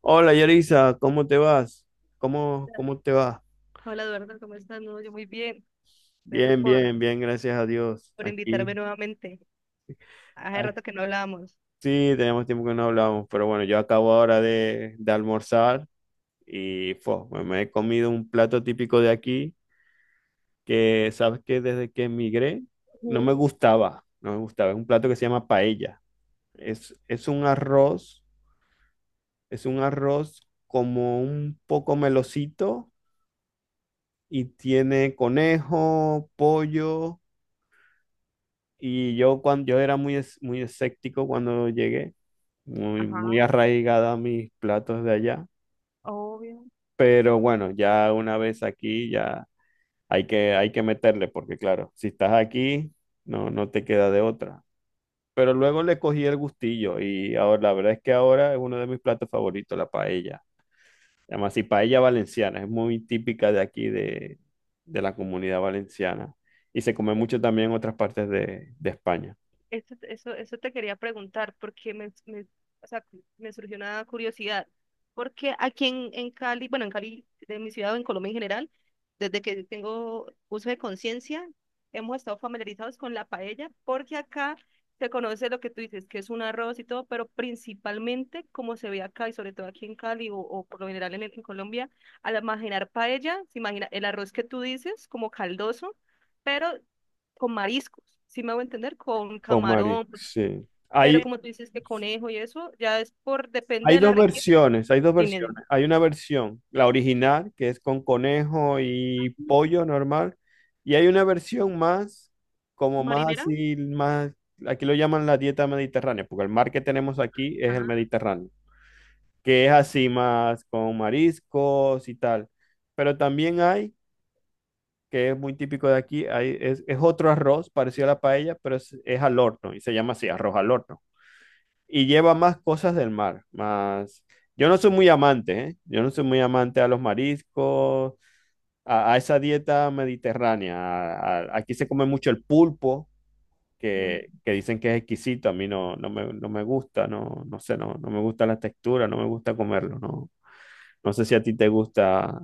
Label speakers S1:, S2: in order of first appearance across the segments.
S1: Hola Yarisa, ¿cómo te vas? ¿Cómo te va?
S2: Hola Eduardo, ¿cómo estás? No, yo muy bien. Gracias
S1: Bien, bien, bien, gracias a Dios.
S2: por invitarme
S1: Aquí,
S2: nuevamente. Hace
S1: ay,
S2: rato que no hablábamos.
S1: sí, tenemos tiempo que no hablamos, pero bueno, yo acabo ahora de almorzar y me he comido un plato típico de aquí que, sabes que desde que emigré
S2: Sí,
S1: no me gustaba, no me gustaba. Es un plato que se llama paella. Es un arroz, es un arroz como un poco melocito y tiene conejo, pollo. Y yo, cuando, yo era muy escéptico cuando llegué, muy, muy
S2: ajá,
S1: arraigada a mis platos de allá.
S2: obvio.
S1: Pero bueno, ya una vez aquí, ya hay que meterle, porque claro, si estás aquí, no te queda de otra. Pero luego le cogí el gustillo y ahora, la verdad es que ahora es uno de mis platos favoritos, la paella. Además, y paella valenciana, es muy típica de aquí, de la comunidad valenciana. Y se come mucho también en otras partes de España.
S2: Eso te quería preguntar, porque o sea, me surgió una curiosidad. Porque aquí en Cali, bueno, en Cali, de mi ciudad o en Colombia en general, desde que tengo uso de conciencia, hemos estado familiarizados con la paella, porque acá se conoce lo que tú dices, que es un arroz y todo, pero principalmente, como se ve acá, y sobre todo aquí en Cali o por lo general en Colombia, al imaginar paella, se imagina el arroz que tú dices como caldoso pero con mariscos, ¿si me hago entender? Con
S1: Con Mari,
S2: camarón, pues,
S1: sí.
S2: pero
S1: Hay,
S2: como tú dices que conejo y eso, ya es por, depende
S1: hay
S2: de la
S1: dos
S2: región.
S1: versiones, hay dos
S2: Dime, dime.
S1: versiones. Hay una versión, la original, que es con conejo y pollo normal, y hay una versión más, como más
S2: ¿Marinera?
S1: así, más, aquí lo llaman la dieta mediterránea, porque el mar que tenemos aquí es el
S2: Ah,
S1: Mediterráneo, que es así más con mariscos y tal. Pero también hay, que es muy típico de aquí, hay, es otro arroz parecido a la paella, pero es al horno, y se llama así, arroz al horno. Y lleva más cosas del mar, más. Yo no soy muy amante, ¿eh? Yo no soy muy amante a los mariscos, a esa dieta mediterránea. Aquí se come mucho el pulpo, que,
S2: mm.
S1: que dicen que es exquisito. A mí no, no me gusta, no, no sé, no, no me gusta la textura, no me gusta comerlo, no. No sé si a ti te gusta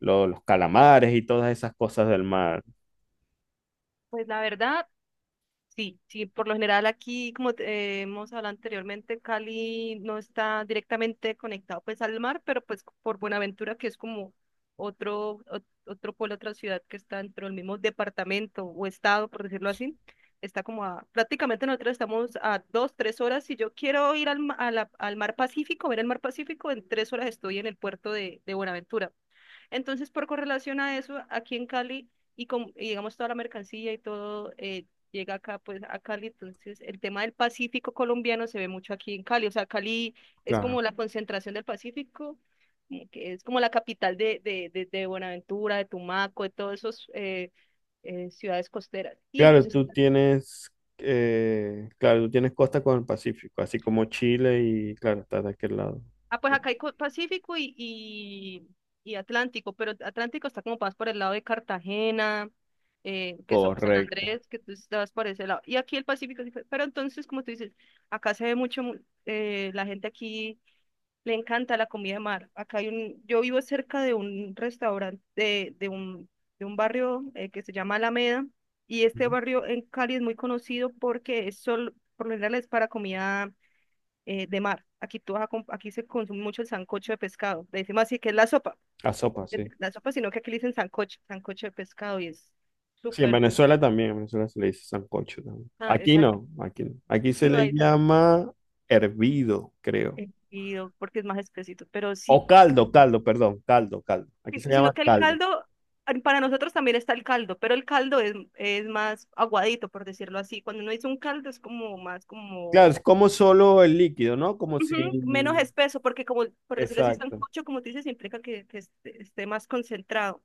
S1: los calamares y todas esas cosas del mar.
S2: Pues la verdad, sí, sí, por lo general aquí, como te- hemos hablado anteriormente, Cali no está directamente conectado pues al mar, pero pues por Buenaventura, que es como otro pueblo, otra ciudad que está dentro del mismo departamento o estado, por decirlo así, está como a, prácticamente nosotros estamos a 2, 3 horas. Si yo quiero ir al, ma- a la- al mar Pacífico, ver el mar Pacífico, en 3 horas estoy en el puerto de Buenaventura. Entonces, por correlación a eso, aquí en Cali, y, con, y digamos toda la mercancía y todo, llega acá, pues a Cali, entonces el tema del Pacífico colombiano se ve mucho aquí en Cali, o sea, Cali es
S1: Claro.
S2: como la concentración del Pacífico, como que es como la capital de Buenaventura, de Tumaco, de todas esas ciudades costeras. Y
S1: Claro,
S2: entonces
S1: tú tienes costa con el Pacífico, así como Chile y, claro, estás de aquel lado.
S2: ah, pues acá hay co- Pacífico y Atlántico, pero Atlántico está como más por el lado de Cartagena, que son San
S1: Correcto.
S2: Andrés, que tú estabas por ese lado. Y aquí el Pacífico, sí, pero entonces, como tú dices, acá se ve la gente aquí le encanta la comida de mar. Acá hay un, yo vivo cerca de un restaurante, de un barrio, que se llama Alameda, y este
S1: Ujú.
S2: barrio en Cali es muy conocido porque es solo, por lo general es para comida, de mar. Aquí, tú vas aquí se consume mucho el sancocho de pescado. Le decimos así que es
S1: A sopa, sí.
S2: la sopa, sino que aquí le dicen sancocho, sancocho de pescado y es
S1: Sí, en
S2: súper
S1: Venezuela
S2: brutal.
S1: también, en Venezuela se le dice sancocho también.
S2: Ah,
S1: Aquí
S2: exacto.
S1: no, aquí no. Aquí se
S2: No
S1: le
S2: hay tan-,
S1: llama hervido, creo.
S2: eh, oh, porque es más espesito, pero
S1: O
S2: sí,
S1: caldo, caldo, perdón, caldo, caldo. Aquí se
S2: sino
S1: llama
S2: que el
S1: caldo.
S2: caldo, ah, para nosotros también está el caldo, pero el caldo es más aguadito, por decirlo así. Cuando uno dice un caldo es como más
S1: Claro,
S2: como...
S1: es como solo el líquido, ¿no? Como
S2: Ujú, menos
S1: sin.
S2: espeso, porque como, por decirlo así,
S1: Exacto,
S2: sancocho, como tú dices, implica que esté más concentrado.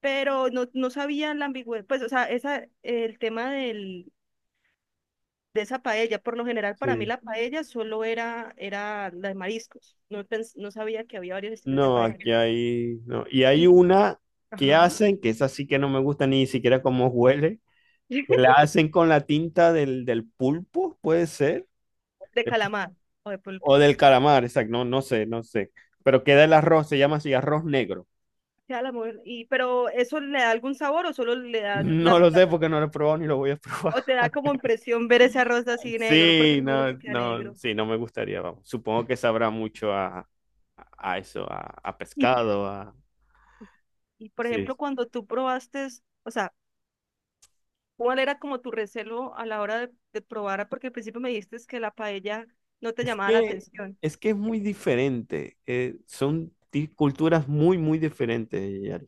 S2: Pero no, no sabía la ambigüedad, pues, o sea, esa, el tema de esa paella, por lo general para mí
S1: sí.
S2: la paella solo era la de mariscos, no, no sabía que había varios estilos de
S1: No,
S2: paella.
S1: aquí hay. No. Y hay
S2: Y-
S1: una que
S2: ajá,
S1: hacen, que esa sí que no me gusta ni siquiera cómo huele, que la hacen con la tinta del pulpo, puede ser.
S2: de calamar o de
S1: O
S2: pulpo,
S1: del calamar, exacto. No, no sé, no sé. Pero queda el arroz, se llama así arroz negro.
S2: sea la mujer, y, pero ¿eso le da algún sabor o solo le da,
S1: No lo
S2: la-?
S1: sé porque no lo he probado ni lo voy a probar.
S2: O te da como impresión ver ese arroz así negro, porque
S1: Sí,
S2: me imagino
S1: no,
S2: que queda
S1: no,
S2: negro,
S1: sí, no me gustaría, vamos. Supongo que sabrá mucho a eso, a
S2: y,
S1: pescado, a.
S2: y por
S1: Sí.
S2: ejemplo cuando tú probaste, o sea, ¿cuál era como tu recelo a la hora de probar? Ah, porque al principio me dijiste que la paella no te
S1: Es
S2: llamaba la
S1: que,
S2: atención.
S1: es que es muy diferente. Son culturas muy, muy diferentes,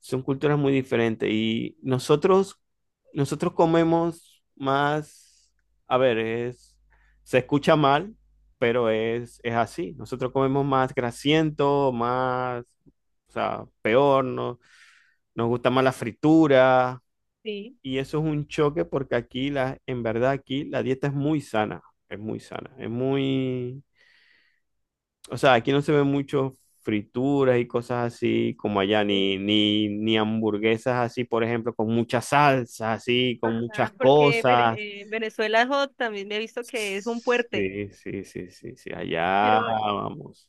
S1: son culturas muy diferentes y nosotros comemos más, a ver, se escucha mal, pero es así. Nosotros comemos más grasiento, más, o sea, peor, no, nos gusta más la fritura
S2: Sí.
S1: y eso es un choque porque aquí, en verdad, aquí la dieta es muy sana, es muy sana, es muy, o sea, aquí no se ven mucho frituras y cosas así como allá,
S2: Sí.
S1: ni hamburguesas así, por ejemplo, con muchas salsas, así, con muchas
S2: Ajá, porque
S1: cosas.
S2: Venezuela jo, también me he visto que es un fuerte,
S1: Sí, sí, sí, sí, sí, allá
S2: pero
S1: vamos.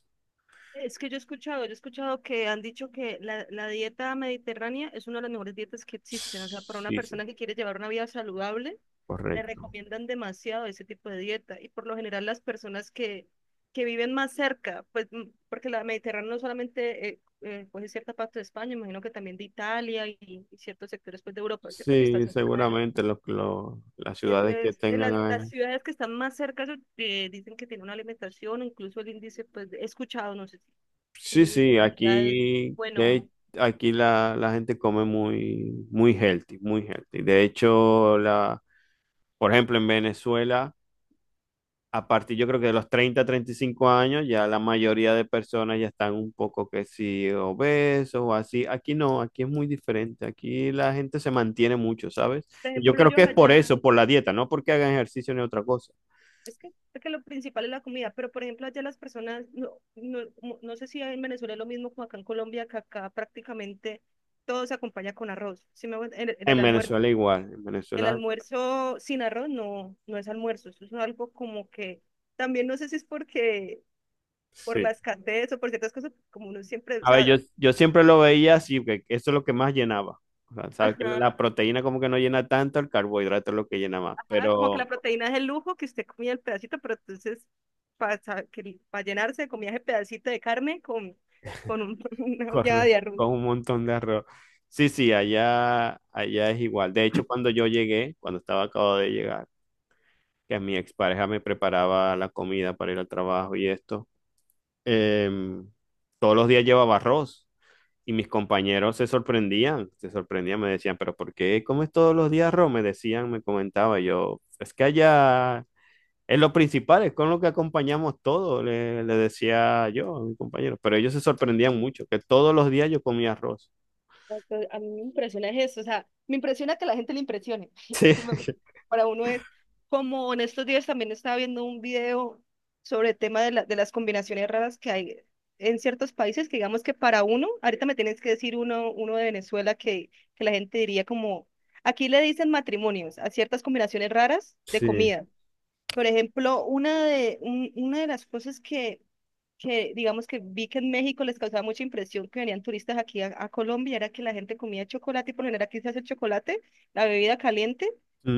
S2: es que yo he escuchado que han dicho que la dieta mediterránea es una de las mejores dietas que existen, o sea, para una
S1: Sí, sí,
S2: persona que quiere llevar una vida saludable le
S1: correcto.
S2: recomiendan demasiado ese tipo de dieta y por lo general las personas que viven más cerca, pues porque la Mediterránea no solamente coge cierta parte de España, imagino que también de Italia y ciertos sectores pues, de Europa, ¿cierto? Que está
S1: Sí,
S2: cerca de él.
S1: seguramente las
S2: Y
S1: ciudades que
S2: entonces,
S1: tengan.
S2: las ciudades que están más cerca, dicen que tienen una alimentación, o incluso el índice, pues he escuchado, no sé si el
S1: Sí,
S2: índice
S1: sí,
S2: de obesidad es
S1: aquí,
S2: bueno.
S1: aquí la gente come muy, muy healthy, muy healthy. De hecho, por ejemplo, en Venezuela. A partir yo creo que de los 30, 35 años, ya la mayoría de personas ya están un poco que sí obesos o así. Aquí no, aquí es muy diferente. Aquí la gente se mantiene mucho, ¿sabes?
S2: Por
S1: Y yo
S2: ejemplo,
S1: creo
S2: yo
S1: que es por
S2: allá,
S1: eso, por la dieta, no porque hagan ejercicio ni otra cosa.
S2: es que lo principal es la comida, pero por ejemplo, allá las personas, no sé si en Venezuela es lo mismo como acá en Colombia, que acá prácticamente todo se acompaña con arroz. ¿Sí me hago ent-? el, el
S1: En
S2: almuerzo,
S1: Venezuela igual, en
S2: el
S1: Venezuela
S2: almuerzo sin arroz no es almuerzo, eso es algo como que también no sé si es porque por la
S1: sí.
S2: escasez o por ciertas cosas, como uno siempre, o
S1: A ver,
S2: sea,
S1: yo siempre lo veía así, que eso es lo que más llenaba. O sea, sabes que
S2: ajá,
S1: la proteína como que no llena tanto, el carbohidrato es lo que llena más.
S2: ajá, como que
S1: Pero.
S2: la proteína es el lujo que usted comía el pedacito, pero entonces para llenarse comía ese pedacito de carne con, una olla
S1: Correcto,
S2: de arroz.
S1: con un montón de arroz. Sí, sí, allá, allá es igual. De hecho, cuando yo llegué, cuando estaba acabado de llegar, que mi expareja me preparaba la comida para ir al trabajo y esto, em, todos los días llevaba arroz y mis compañeros se sorprendían, me decían, pero ¿por qué comes todos los días arroz? Me decían, me comentaba yo, es que allá es lo principal, es con lo que acompañamos todo, le decía yo a mis compañeros, pero ellos se sorprendían mucho, que todos los días yo comía arroz.
S2: Entonces, a mí me impresiona es eso, o sea, me impresiona que a la gente le impresione.
S1: Sí.
S2: Sí, para uno es como en estos días también estaba viendo un video sobre el tema de, de las combinaciones raras que hay en ciertos países, que digamos que para uno, ahorita me tienes que decir uno, uno de Venezuela que la gente diría como, aquí le dicen matrimonios a ciertas combinaciones raras de
S1: Sí.
S2: comida. Por ejemplo, una de las cosas que digamos que vi que en México les causaba mucha impresión que venían turistas aquí a Colombia, era que la gente comía chocolate y por lo general aquí se hace el chocolate, la bebida caliente,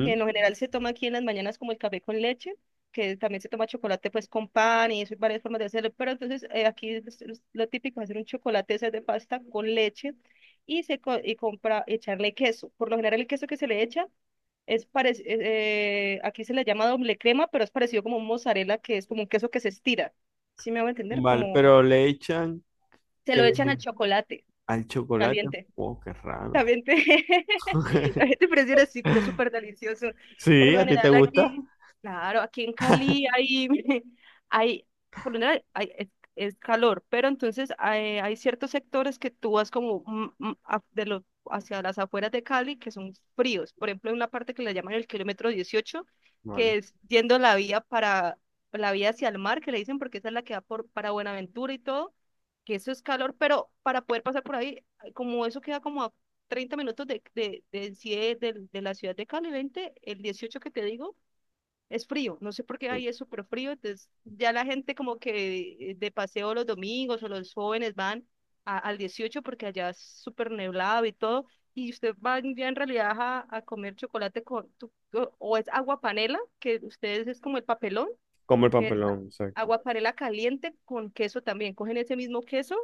S2: que en lo general se toma aquí en las mañanas como el café con leche, que también se toma chocolate pues con pan y eso hay varias formas de hacerlo, pero entonces aquí es lo típico es hacer un chocolate ese de pasta con leche y compra echarle queso. Por lo general el queso que se le echa aquí se le llama doble crema, pero es parecido como un mozzarella que es como un queso que se estira. ¿Sí me hago entender?
S1: Vale,
S2: Como
S1: pero le echan
S2: se lo echan
S1: eh,
S2: al chocolate
S1: al chocolate.
S2: caliente.
S1: Oh, qué raro.
S2: También te, también te presiona, sí, pero es súper delicioso. Por
S1: Sí,
S2: lo
S1: ¿a ti te
S2: general
S1: gusta?
S2: aquí, claro, aquí en Cali hay, hay, por lo general hay, es calor, pero entonces hay ciertos sectores que tú vas como hacia las afueras de Cali que son fríos. Por ejemplo, hay una parte que le llaman el kilómetro 18 que
S1: Vale.
S2: es yendo la vía para, la vía hacia el mar, que le dicen porque esa es la que va por, para Buenaventura y todo, que eso es calor, pero para poder pasar por ahí como eso queda como a 30 minutos en sí de la ciudad de Cali, 20 el 18 que te digo, es frío. No sé por qué ahí es súper frío. Entonces, ya la gente como que de paseo los domingos o los jóvenes van al 18 porque allá es súper neblado y todo. Y usted va ya en realidad a comer chocolate con, o es agua panela, que ustedes es como el papelón,
S1: Como el
S2: que esa.
S1: papelón, exacto.
S2: Aguaparela caliente con queso también. Cogen ese mismo queso,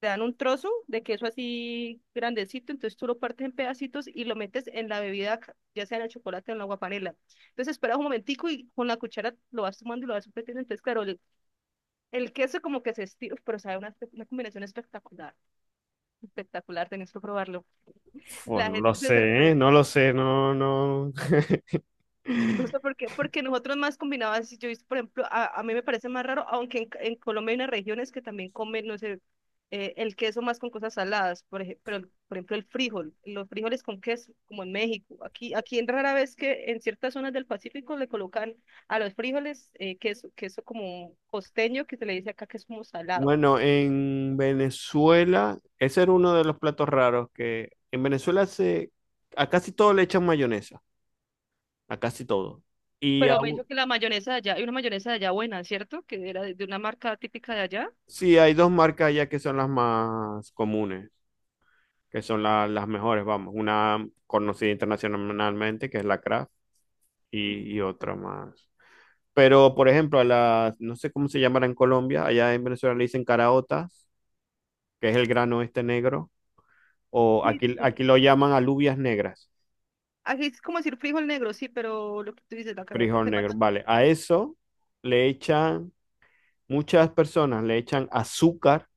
S2: te dan un trozo de queso así grandecito, entonces tú lo partes en pedacitos y lo metes en la bebida, ya sea en el chocolate o en la aguaparela. Entonces esperas un momentico y con la cuchara lo vas tomando y lo vas metiendo. Entonces, claro, el queso como que se estira, pero sabe una, una combinación espectacular. Espectacular, tenés que probarlo.
S1: Oh,
S2: La
S1: no lo
S2: gente se
S1: sé, ¿eh?
S2: sorprende.
S1: No lo sé, no, no.
S2: No sé por qué, porque nosotros más combinadas, yo, he visto, por ejemplo, a mí me parece más raro, aunque en Colombia hay unas regiones que también comen, no sé, el queso más con cosas saladas, por ejemplo, el frijol, los frijoles con queso, como en México. Aquí, en rara vez que en ciertas zonas del Pacífico le colocan a los frijoles, queso como costeño, que se le dice acá que es como salado.
S1: Bueno, en Venezuela, ese era uno de los platos raros que en Venezuela se a casi todo le echan mayonesa, a casi todo. Y a
S2: Pero me dijo
S1: u-
S2: que la mayonesa de allá, hay una mayonesa de allá buena, ¿cierto? Que era de, una marca típica de allá.
S1: sí, hay dos marcas ya que son las más comunes. Que son las mejores, vamos, una conocida internacionalmente, que es la Kraft, y otra más. Pero, por ejemplo, a las, no sé cómo se llamará en Colombia, allá en Venezuela le dicen caraotas, que es el grano este negro, o
S2: Sí,
S1: aquí,
S2: sí,
S1: aquí lo llaman alubias negras,
S2: aquí es como decir frijol negro, sí, pero lo que tú dices, la carota,
S1: frijol
S2: que es más
S1: negro,
S2: chiquita.
S1: vale. A eso le echan, muchas personas le echan azúcar.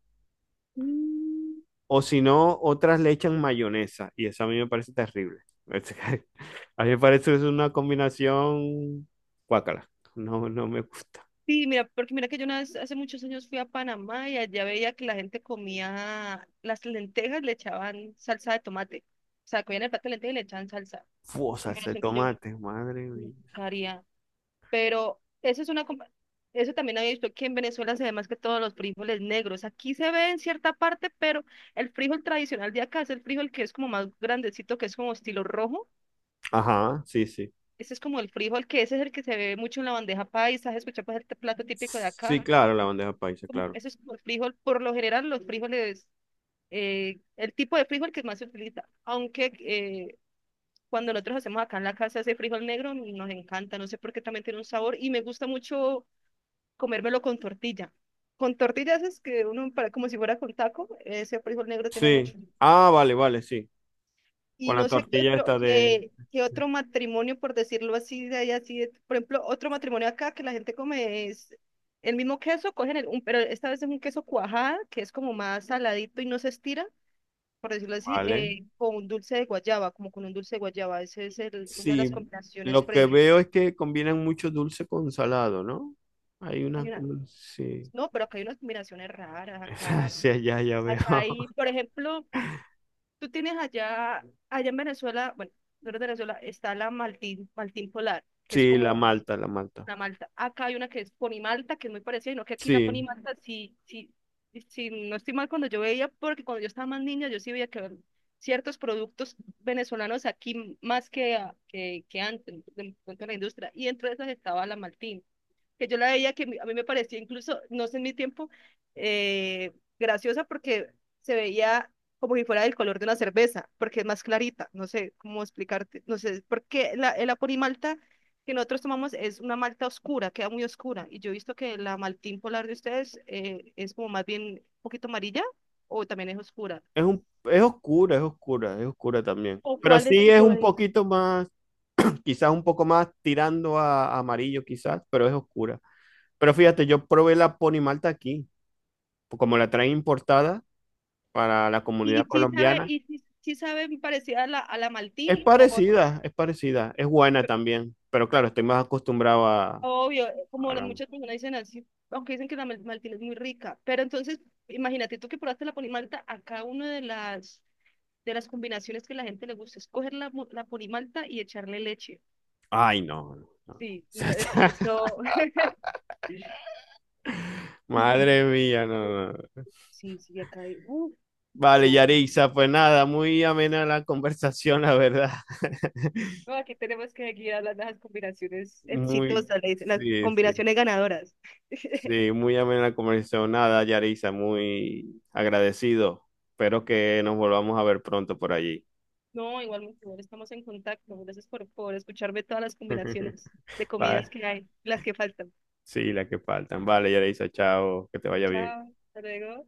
S2: Mm,
S1: O si no, otras le echan mayonesa y eso a mí me parece terrible. A mí me parece que es una combinación guácala. No, no me gusta.
S2: sí, mira, porque mira que yo una vez, hace muchos años fui a Panamá y allá veía que la gente comía las lentejas, le echaban salsa de tomate. O sea, comían el plato de lentejas y le echaban salsa.
S1: Fua, salsa de
S2: Combinación que yo
S1: tomate, madre mía.
S2: nunca haría. Pero eso es una... eso también había visto que en Venezuela se ve más que todos los frijoles negros. Aquí se ve en cierta parte, pero el frijol tradicional de acá es el frijol que es como más grandecito, que es como estilo rojo.
S1: Ajá, sí, sí.
S2: Ese es como el frijol, que ese es el que se ve mucho en la bandeja paisa, ¿has escuchado? Pues, el plato típico de
S1: Sí,
S2: acá.
S1: claro, la bandeja paisa,
S2: Como,
S1: claro.
S2: ese es como el frijol. Por lo general, los frijoles, el tipo de frijol que más se utiliza. Aunque cuando nosotros hacemos acá en la casa ese frijol negro, nos encanta. No sé por qué también tiene un sabor. Y me gusta mucho comérmelo con tortilla. Con tortillas es que uno, para, como si fuera con taco, ese frijol negro tiene
S1: Sí.
S2: mucho.
S1: Ah, vale, vale, sí. Con
S2: Y
S1: la
S2: no sé qué
S1: tortilla
S2: otro,
S1: esta de.
S2: qué otro matrimonio, por decirlo así, de ahí así, de- por ejemplo, otro matrimonio acá que la gente come es el mismo queso, cogen pero esta vez es un queso cuajada, que es como más saladito y no se estira, por decirlo así,
S1: Vale.
S2: con un dulce de guayaba, como con un dulce de guayaba. Ese es una de
S1: Sí,
S2: las combinaciones
S1: lo que
S2: predilectas.
S1: veo es que combinan mucho dulce con salado, ¿no? Hay una.
S2: Hay una-
S1: Sí.
S2: no, pero acá hay unas combinaciones raras,
S1: Sí, ya, ya veo.
S2: por ejemplo, tú tienes allá, allá en Venezuela, bueno, tú eres de Venezuela, está la Maltín, Maltín Polar, que es
S1: Sí, la
S2: como
S1: Malta, la Malta.
S2: la Malta. Acá hay una que es Ponimalta, que es muy parecida, no que aquí la
S1: Sí,
S2: Ponimalta, sí, sí, sí, no estoy mal cuando yo veía, porque cuando yo estaba más niña, yo sí veía que habían ciertos productos venezolanos aquí más que antes, de la industria, y entre esas estaba la Maltín que yo la veía que a mí me parecía incluso, no sé en mi tiempo, eh, graciosa porque se veía como si fuera del color de una cerveza, porque es más clarita, no sé cómo explicarte, no sé, porque el aporimalta que nosotros tomamos es una malta oscura, queda muy oscura, y yo he visto que la maltín polar de ustedes, es como más bien un poquito amarilla o también es oscura.
S1: es oscura, es oscura, es oscura también.
S2: ¿O
S1: Pero
S2: cuál es
S1: sí
S2: que
S1: es
S2: yo
S1: un
S2: diga?
S1: poquito más, quizás un poco más tirando a amarillo, quizás, pero es oscura. Pero fíjate, yo probé la Pony Malta aquí, como la traen importada para la comunidad
S2: Y sí sabe,
S1: colombiana.
S2: y sí, sí sabe parecida a la maltín
S1: Es
S2: o...
S1: parecida, es parecida, es buena también. Pero claro, estoy más acostumbrado a,
S2: Obvio, como
S1: a la.
S2: muchas personas dicen así, aunque dicen que la maltina es muy rica, pero entonces imagínate tú que probaste la ponimalta, acá una de las combinaciones que la gente le gusta es coger la ponimalta y echarle leche.
S1: Ay, no. No,
S2: Sí, no, es,
S1: no.
S2: eso, sí, sí,
S1: Madre mía, no, no.
S2: sí, sí, acá hay, uf,
S1: Vale,
S2: yo-
S1: Yarixa, pues nada, muy amena la conversación, la verdad.
S2: no, aquí tenemos que seguir hablando de las combinaciones
S1: Muy,
S2: exitosas, le dicen, las
S1: sí, sí,
S2: combinaciones ganadoras.
S1: sí, muy amena la conversación. Nada, Yarixa, muy agradecido. Espero que nos volvamos a ver pronto por allí.
S2: No, igual, mi amor, estamos en contacto. Gracias por escucharme todas las combinaciones de
S1: Vale,
S2: comidas que hay, las que faltan.
S1: sí, la que faltan. Vale, Yarixa, chao, que te vaya bien.
S2: Chao, hasta luego.